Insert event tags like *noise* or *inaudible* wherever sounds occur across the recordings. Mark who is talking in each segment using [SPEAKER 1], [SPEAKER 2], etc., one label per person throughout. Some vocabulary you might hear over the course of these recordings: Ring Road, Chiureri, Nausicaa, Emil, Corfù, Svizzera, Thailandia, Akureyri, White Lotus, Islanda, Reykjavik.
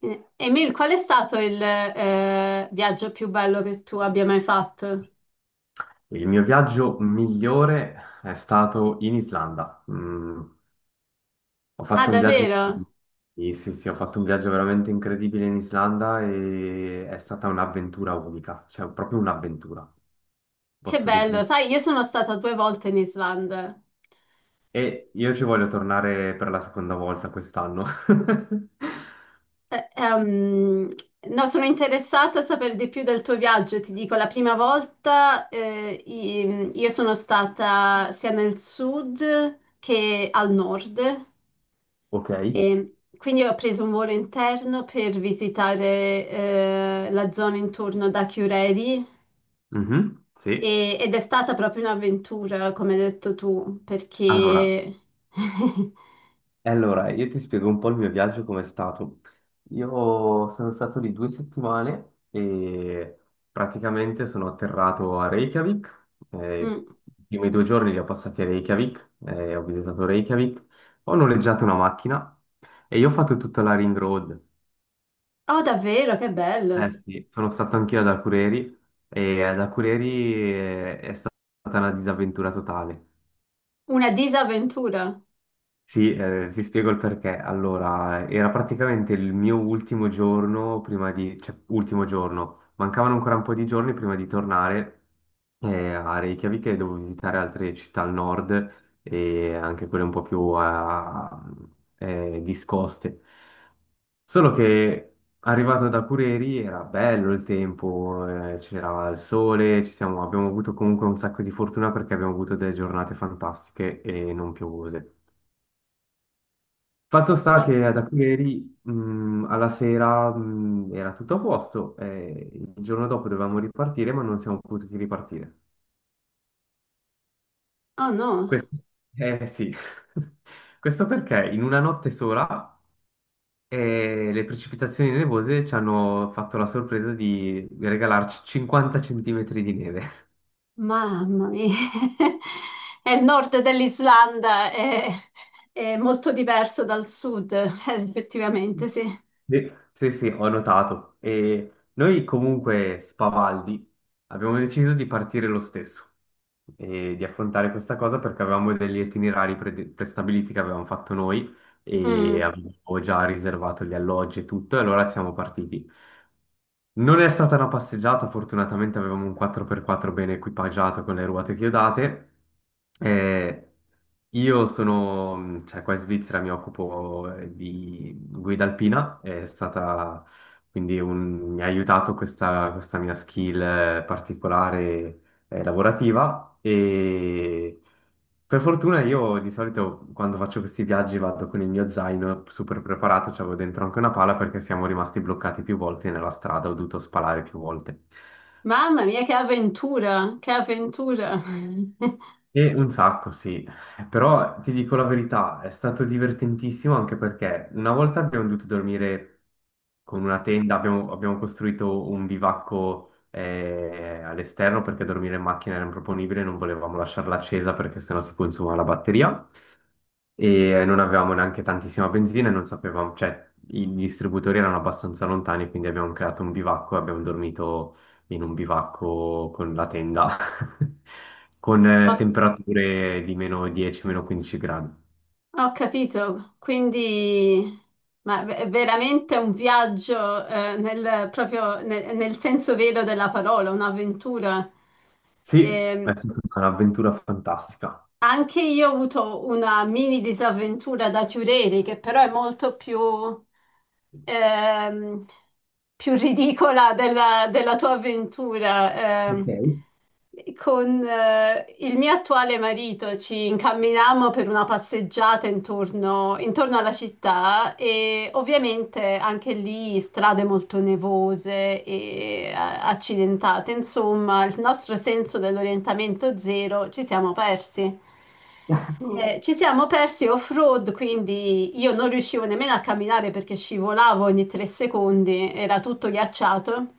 [SPEAKER 1] Emil, qual è stato il viaggio più bello che tu abbia mai fatto?
[SPEAKER 2] Il mio viaggio migliore è stato in Islanda. Ho
[SPEAKER 1] Ah,
[SPEAKER 2] fatto un viaggio.
[SPEAKER 1] davvero?
[SPEAKER 2] Sì, sì, sì, ho fatto un viaggio veramente incredibile in Islanda e è stata un'avventura unica, cioè proprio un'avventura,
[SPEAKER 1] Che
[SPEAKER 2] posso
[SPEAKER 1] bello!
[SPEAKER 2] definire.
[SPEAKER 1] Sai, io sono stata due volte in Islanda.
[SPEAKER 2] E io ci voglio tornare per la seconda volta quest'anno. *laughs*
[SPEAKER 1] Eh, ehm, no, sono interessata a sapere di più del tuo viaggio. Ti dico, la prima volta io sono stata sia nel sud che al nord
[SPEAKER 2] Ok?
[SPEAKER 1] e quindi ho preso un volo interno per visitare la zona intorno da Chiureri.
[SPEAKER 2] Mhm, sì.
[SPEAKER 1] Ed è stata proprio un'avventura, come hai detto tu,
[SPEAKER 2] Allora,
[SPEAKER 1] perché... *laughs*
[SPEAKER 2] Allora, io ti spiego un po' il mio viaggio com'è stato. Io sono stato lì 2 settimane e praticamente sono atterrato a Reykjavik.
[SPEAKER 1] Mm.
[SPEAKER 2] I primi 2 giorni li ho passati a Reykjavik, ho visitato Reykjavik, ho noleggiato una macchina e io ho fatto tutta la Ring Road.
[SPEAKER 1] Oh, davvero, che bello!
[SPEAKER 2] Eh sì, sono stato anch'io ad Akureyri e ad Akureyri è stata una disavventura totale.
[SPEAKER 1] Una disavventura.
[SPEAKER 2] Sì, ti spiego il perché. Allora, era praticamente il mio ultimo giorno prima di, cioè, ultimo giorno, mancavano ancora un po' di giorni prima di tornare a Reykjavik e dovevo visitare altre città al nord e anche quelle un po' più discoste. Solo che arrivato da Cureri era bello il tempo, c'era il sole, abbiamo avuto comunque un sacco di fortuna perché abbiamo avuto delle giornate fantastiche e non piovose. Fatto sta
[SPEAKER 1] Oh,
[SPEAKER 2] che da ieri alla sera era tutto a posto, e il giorno dopo dovevamo ripartire, ma non siamo potuti ripartire.
[SPEAKER 1] oh no,
[SPEAKER 2] Questo, eh sì, *laughs* questo perché in una notte sola le precipitazioni nevose ci hanno fatto la sorpresa di regalarci 50 centimetri di neve.
[SPEAKER 1] mamma mia! *laughs* È il nord dell'Islanda, è molto diverso dal sud, *laughs* effettivamente, sì.
[SPEAKER 2] Sì, sì, sì, ho notato. E noi comunque, spavaldi, abbiamo deciso di partire lo stesso e di affrontare questa cosa perché avevamo degli itinerari prestabiliti che avevamo fatto noi e
[SPEAKER 1] Mm.
[SPEAKER 2] avevo già riservato gli alloggi e tutto, e allora siamo partiti. Non è stata una passeggiata, fortunatamente avevamo un 4x4 ben equipaggiato con le ruote chiodate. Eh, io sono, cioè qua in Svizzera mi occupo di guida alpina, quindi mi ha aiutato questa mia skill particolare, lavorativa e per fortuna io di solito quando faccio questi viaggi vado con il mio zaino super preparato, c'avevo dentro anche una pala perché siamo rimasti bloccati più volte nella strada, ho dovuto spalare più volte.
[SPEAKER 1] Mamma mia, che avventura, che avventura! *laughs*
[SPEAKER 2] E un sacco, sì, però ti dico la verità, è stato divertentissimo anche perché una volta abbiamo dovuto dormire con una tenda, abbiamo costruito un bivacco all'esterno perché dormire in macchina era improponibile, non volevamo lasciarla accesa perché sennò si consuma la batteria e non avevamo neanche tantissima benzina e non sapevamo, cioè i distributori erano abbastanza lontani, quindi abbiamo creato un bivacco e abbiamo dormito in un bivacco con la tenda, *laughs* con
[SPEAKER 1] Ho
[SPEAKER 2] temperature di meno 10, meno 15 gradi.
[SPEAKER 1] Ho capito, quindi ma è veramente un viaggio nel senso vero della parola, un'avventura.
[SPEAKER 2] Sì, è
[SPEAKER 1] Ehm,
[SPEAKER 2] stata un'avventura fantastica.
[SPEAKER 1] Anche io ho avuto una mini disavventura da Chiureri, che però è molto più, ehm, più ridicola della tua avventura.
[SPEAKER 2] Ok.
[SPEAKER 1] Con il mio attuale marito ci incamminammo per una passeggiata intorno, intorno alla città e ovviamente anche lì strade molto nevose e accidentate. Insomma, il nostro senso dell'orientamento zero ci siamo persi. Ci siamo persi off-road, quindi io non riuscivo nemmeno a camminare perché scivolavo ogni 3 secondi, era tutto ghiacciato.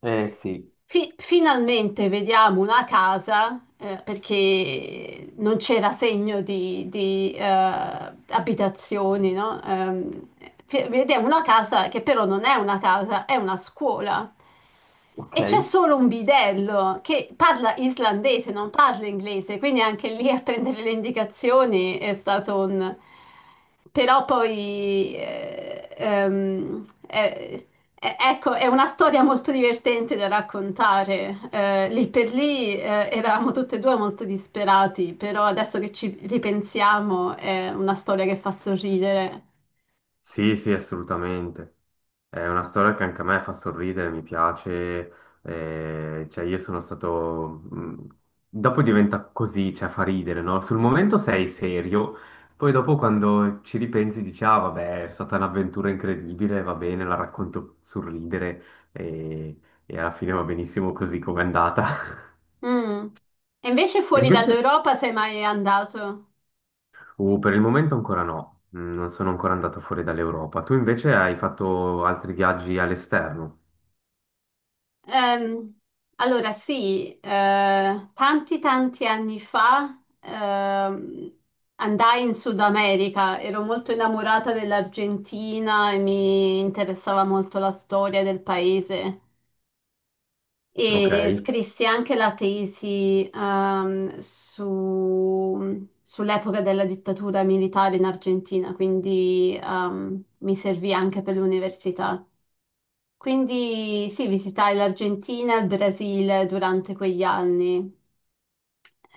[SPEAKER 2] Eh sì,
[SPEAKER 1] Finalmente vediamo una casa, perché non c'era segno di abitazioni, no? Vediamo una casa che però non è una casa, è una scuola.
[SPEAKER 2] ok.
[SPEAKER 1] E c'è solo un bidello che parla islandese, non parla inglese, quindi anche lì a prendere le indicazioni è stato un... Però poi, ecco, è una storia molto divertente da raccontare. Lì per lì, eravamo tutte e due molto disperati, però adesso che ci ripensiamo è una storia che fa sorridere.
[SPEAKER 2] Sì, sì, assolutamente. È una storia che anche a me fa sorridere, mi piace. Cioè, dopo diventa così, cioè fa ridere, no? Sul momento sei serio, poi dopo quando ci ripensi dici, ah vabbè, è stata un'avventura incredibile, va bene, la racconto sorridere e, e alla fine va benissimo così come è andata. *laughs*
[SPEAKER 1] Mm. E invece
[SPEAKER 2] E
[SPEAKER 1] fuori
[SPEAKER 2] invece,
[SPEAKER 1] dall'Europa sei mai andato?
[SPEAKER 2] per il momento ancora no, non sono ancora andato fuori dall'Europa. Tu invece hai fatto altri viaggi all'esterno?
[SPEAKER 1] Ehm, allora, sì, tanti tanti anni fa andai in Sud America, ero molto innamorata dell'Argentina e mi interessava molto la storia del paese
[SPEAKER 2] Ok.
[SPEAKER 1] e scrissi anche la tesi sull'epoca della dittatura militare in Argentina, quindi mi servì anche per l'università. Quindi sì, visitai l'Argentina e il Brasile durante quegli anni.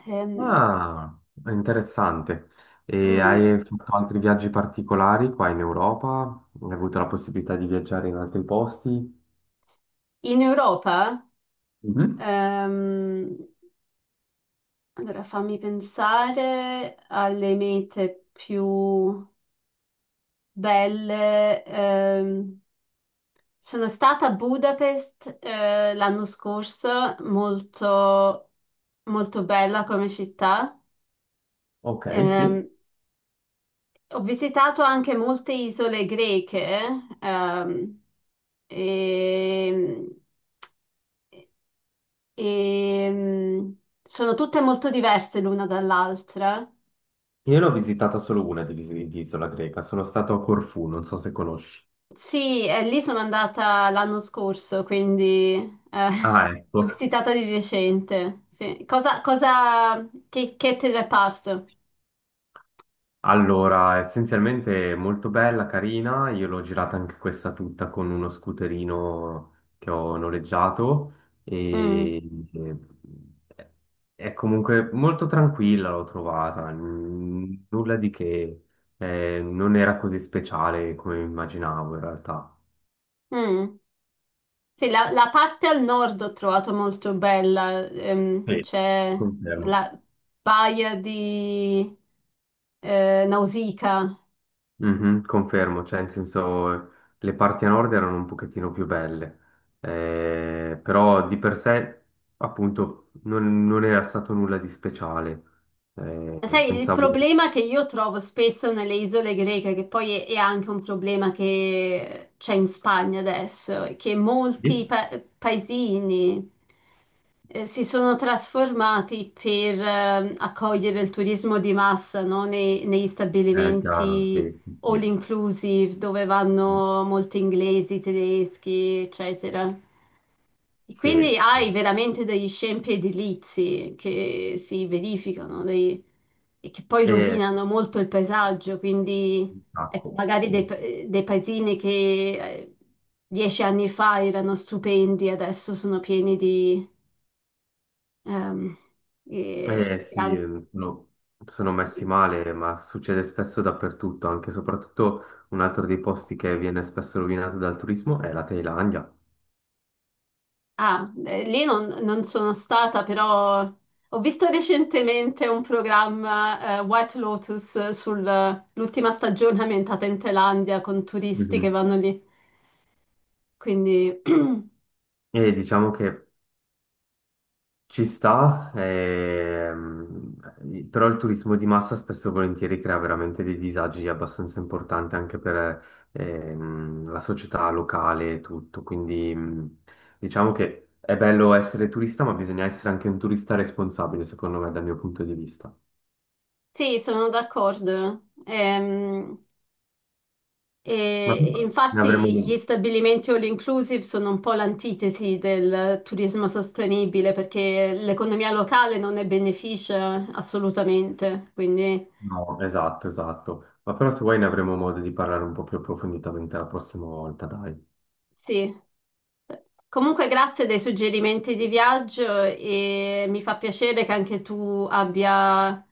[SPEAKER 1] Ehm,
[SPEAKER 2] Ah, interessante. E
[SPEAKER 1] mm.
[SPEAKER 2] hai fatto altri viaggi particolari qua in Europa? Hai avuto la possibilità di viaggiare in altri posti?
[SPEAKER 1] In Europa,
[SPEAKER 2] Mhm.
[SPEAKER 1] ehm, allora fammi pensare alle mete più belle. Sono stata a Budapest, l'anno scorso, molto, molto bella come città.
[SPEAKER 2] Ok,
[SPEAKER 1] Ehm,
[SPEAKER 2] sì.
[SPEAKER 1] Ho visitato anche molte isole greche, ehm, e, e- sono tutte molto diverse l'una dall'altra.
[SPEAKER 2] Io l'ho visitata solo una di, di isola greca, sono stato a Corfù, non so se conosci.
[SPEAKER 1] Sì, e lì sono andata l'anno scorso, quindi eh,
[SPEAKER 2] Ah,
[SPEAKER 1] *laughs* l'ho
[SPEAKER 2] ecco.
[SPEAKER 1] visitata di recente. Sì. Cosa, che te ne è parso?
[SPEAKER 2] Allora, essenzialmente è molto bella, carina, io l'ho girata anche questa tutta con uno scooterino che ho noleggiato
[SPEAKER 1] Mm,
[SPEAKER 2] e e è comunque molto tranquilla, l'ho trovata, nulla di che, non era così speciale come immaginavo in realtà.
[SPEAKER 1] mm. Sì, la parte al nord ho trovato molto bella,
[SPEAKER 2] Sì.
[SPEAKER 1] c'è
[SPEAKER 2] Confermo.
[SPEAKER 1] la baia di Nausicaa.
[SPEAKER 2] Mhm, confermo, cioè in senso le parti a nord erano un pochettino più belle, però di per sé appunto non era stato nulla di speciale.
[SPEAKER 1] Sai, il
[SPEAKER 2] Pensavo...
[SPEAKER 1] problema che io trovo spesso nelle isole greche, che poi è anche un problema che c'è in Spagna adesso, è che molti
[SPEAKER 2] Sì.
[SPEAKER 1] paesini, si sono trasformati per accogliere il turismo di massa, no? Negli
[SPEAKER 2] Chiaro, sì,
[SPEAKER 1] stabilimenti
[SPEAKER 2] sì,
[SPEAKER 1] all
[SPEAKER 2] sì.
[SPEAKER 1] inclusive dove vanno molti inglesi, tedeschi, eccetera. E
[SPEAKER 2] Sì,
[SPEAKER 1] quindi
[SPEAKER 2] sì.
[SPEAKER 1] hai veramente degli scempi edilizi che si verificano e che poi
[SPEAKER 2] E
[SPEAKER 1] rovinano molto il paesaggio, quindi
[SPEAKER 2] un
[SPEAKER 1] ecco,
[SPEAKER 2] sacco.
[SPEAKER 1] magari dei paesini che 10 anni fa erano stupendi, adesso sono pieni di... Ehm, e- e
[SPEAKER 2] Sì,
[SPEAKER 1] an-
[SPEAKER 2] sono, sono messi male, ma succede spesso dappertutto, anche e soprattutto un altro dei posti che viene spesso rovinato dal turismo è la Thailandia.
[SPEAKER 1] ah, lì non sono stata, però ho visto recentemente un programma, White Lotus sull'ultima stagione ambientata in Thailandia con turisti che
[SPEAKER 2] Mhm.
[SPEAKER 1] vanno lì. Quindi *clears throat*
[SPEAKER 2] E diciamo che ci sta, però il turismo di massa spesso e volentieri crea veramente dei disagi abbastanza importanti anche per la società locale e tutto. Quindi diciamo che è bello essere turista, ma bisogna essere anche un turista responsabile, secondo me, dal mio punto di vista.
[SPEAKER 1] sì, sono d'accordo.
[SPEAKER 2] Ma
[SPEAKER 1] E
[SPEAKER 2] ne
[SPEAKER 1] infatti gli
[SPEAKER 2] avremo...
[SPEAKER 1] stabilimenti all inclusive sono un po' l'antitesi del turismo sostenibile perché l'economia locale non ne beneficia assolutamente. Quindi
[SPEAKER 2] No, esatto, esatto. Ma però se vuoi ne avremo modo di parlare un po' più approfonditamente la prossima volta, dai.
[SPEAKER 1] sì. Comunque grazie dei suggerimenti di viaggio e mi fa piacere che anche tu abbia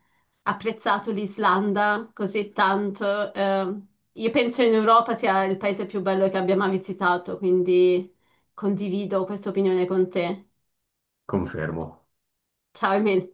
[SPEAKER 1] apprezzato l'Islanda così tanto. Io penso in Europa sia il paese più bello che abbia mai visitato, quindi condivido questa opinione con te.
[SPEAKER 2] Confermo.
[SPEAKER 1] Ciao Emil.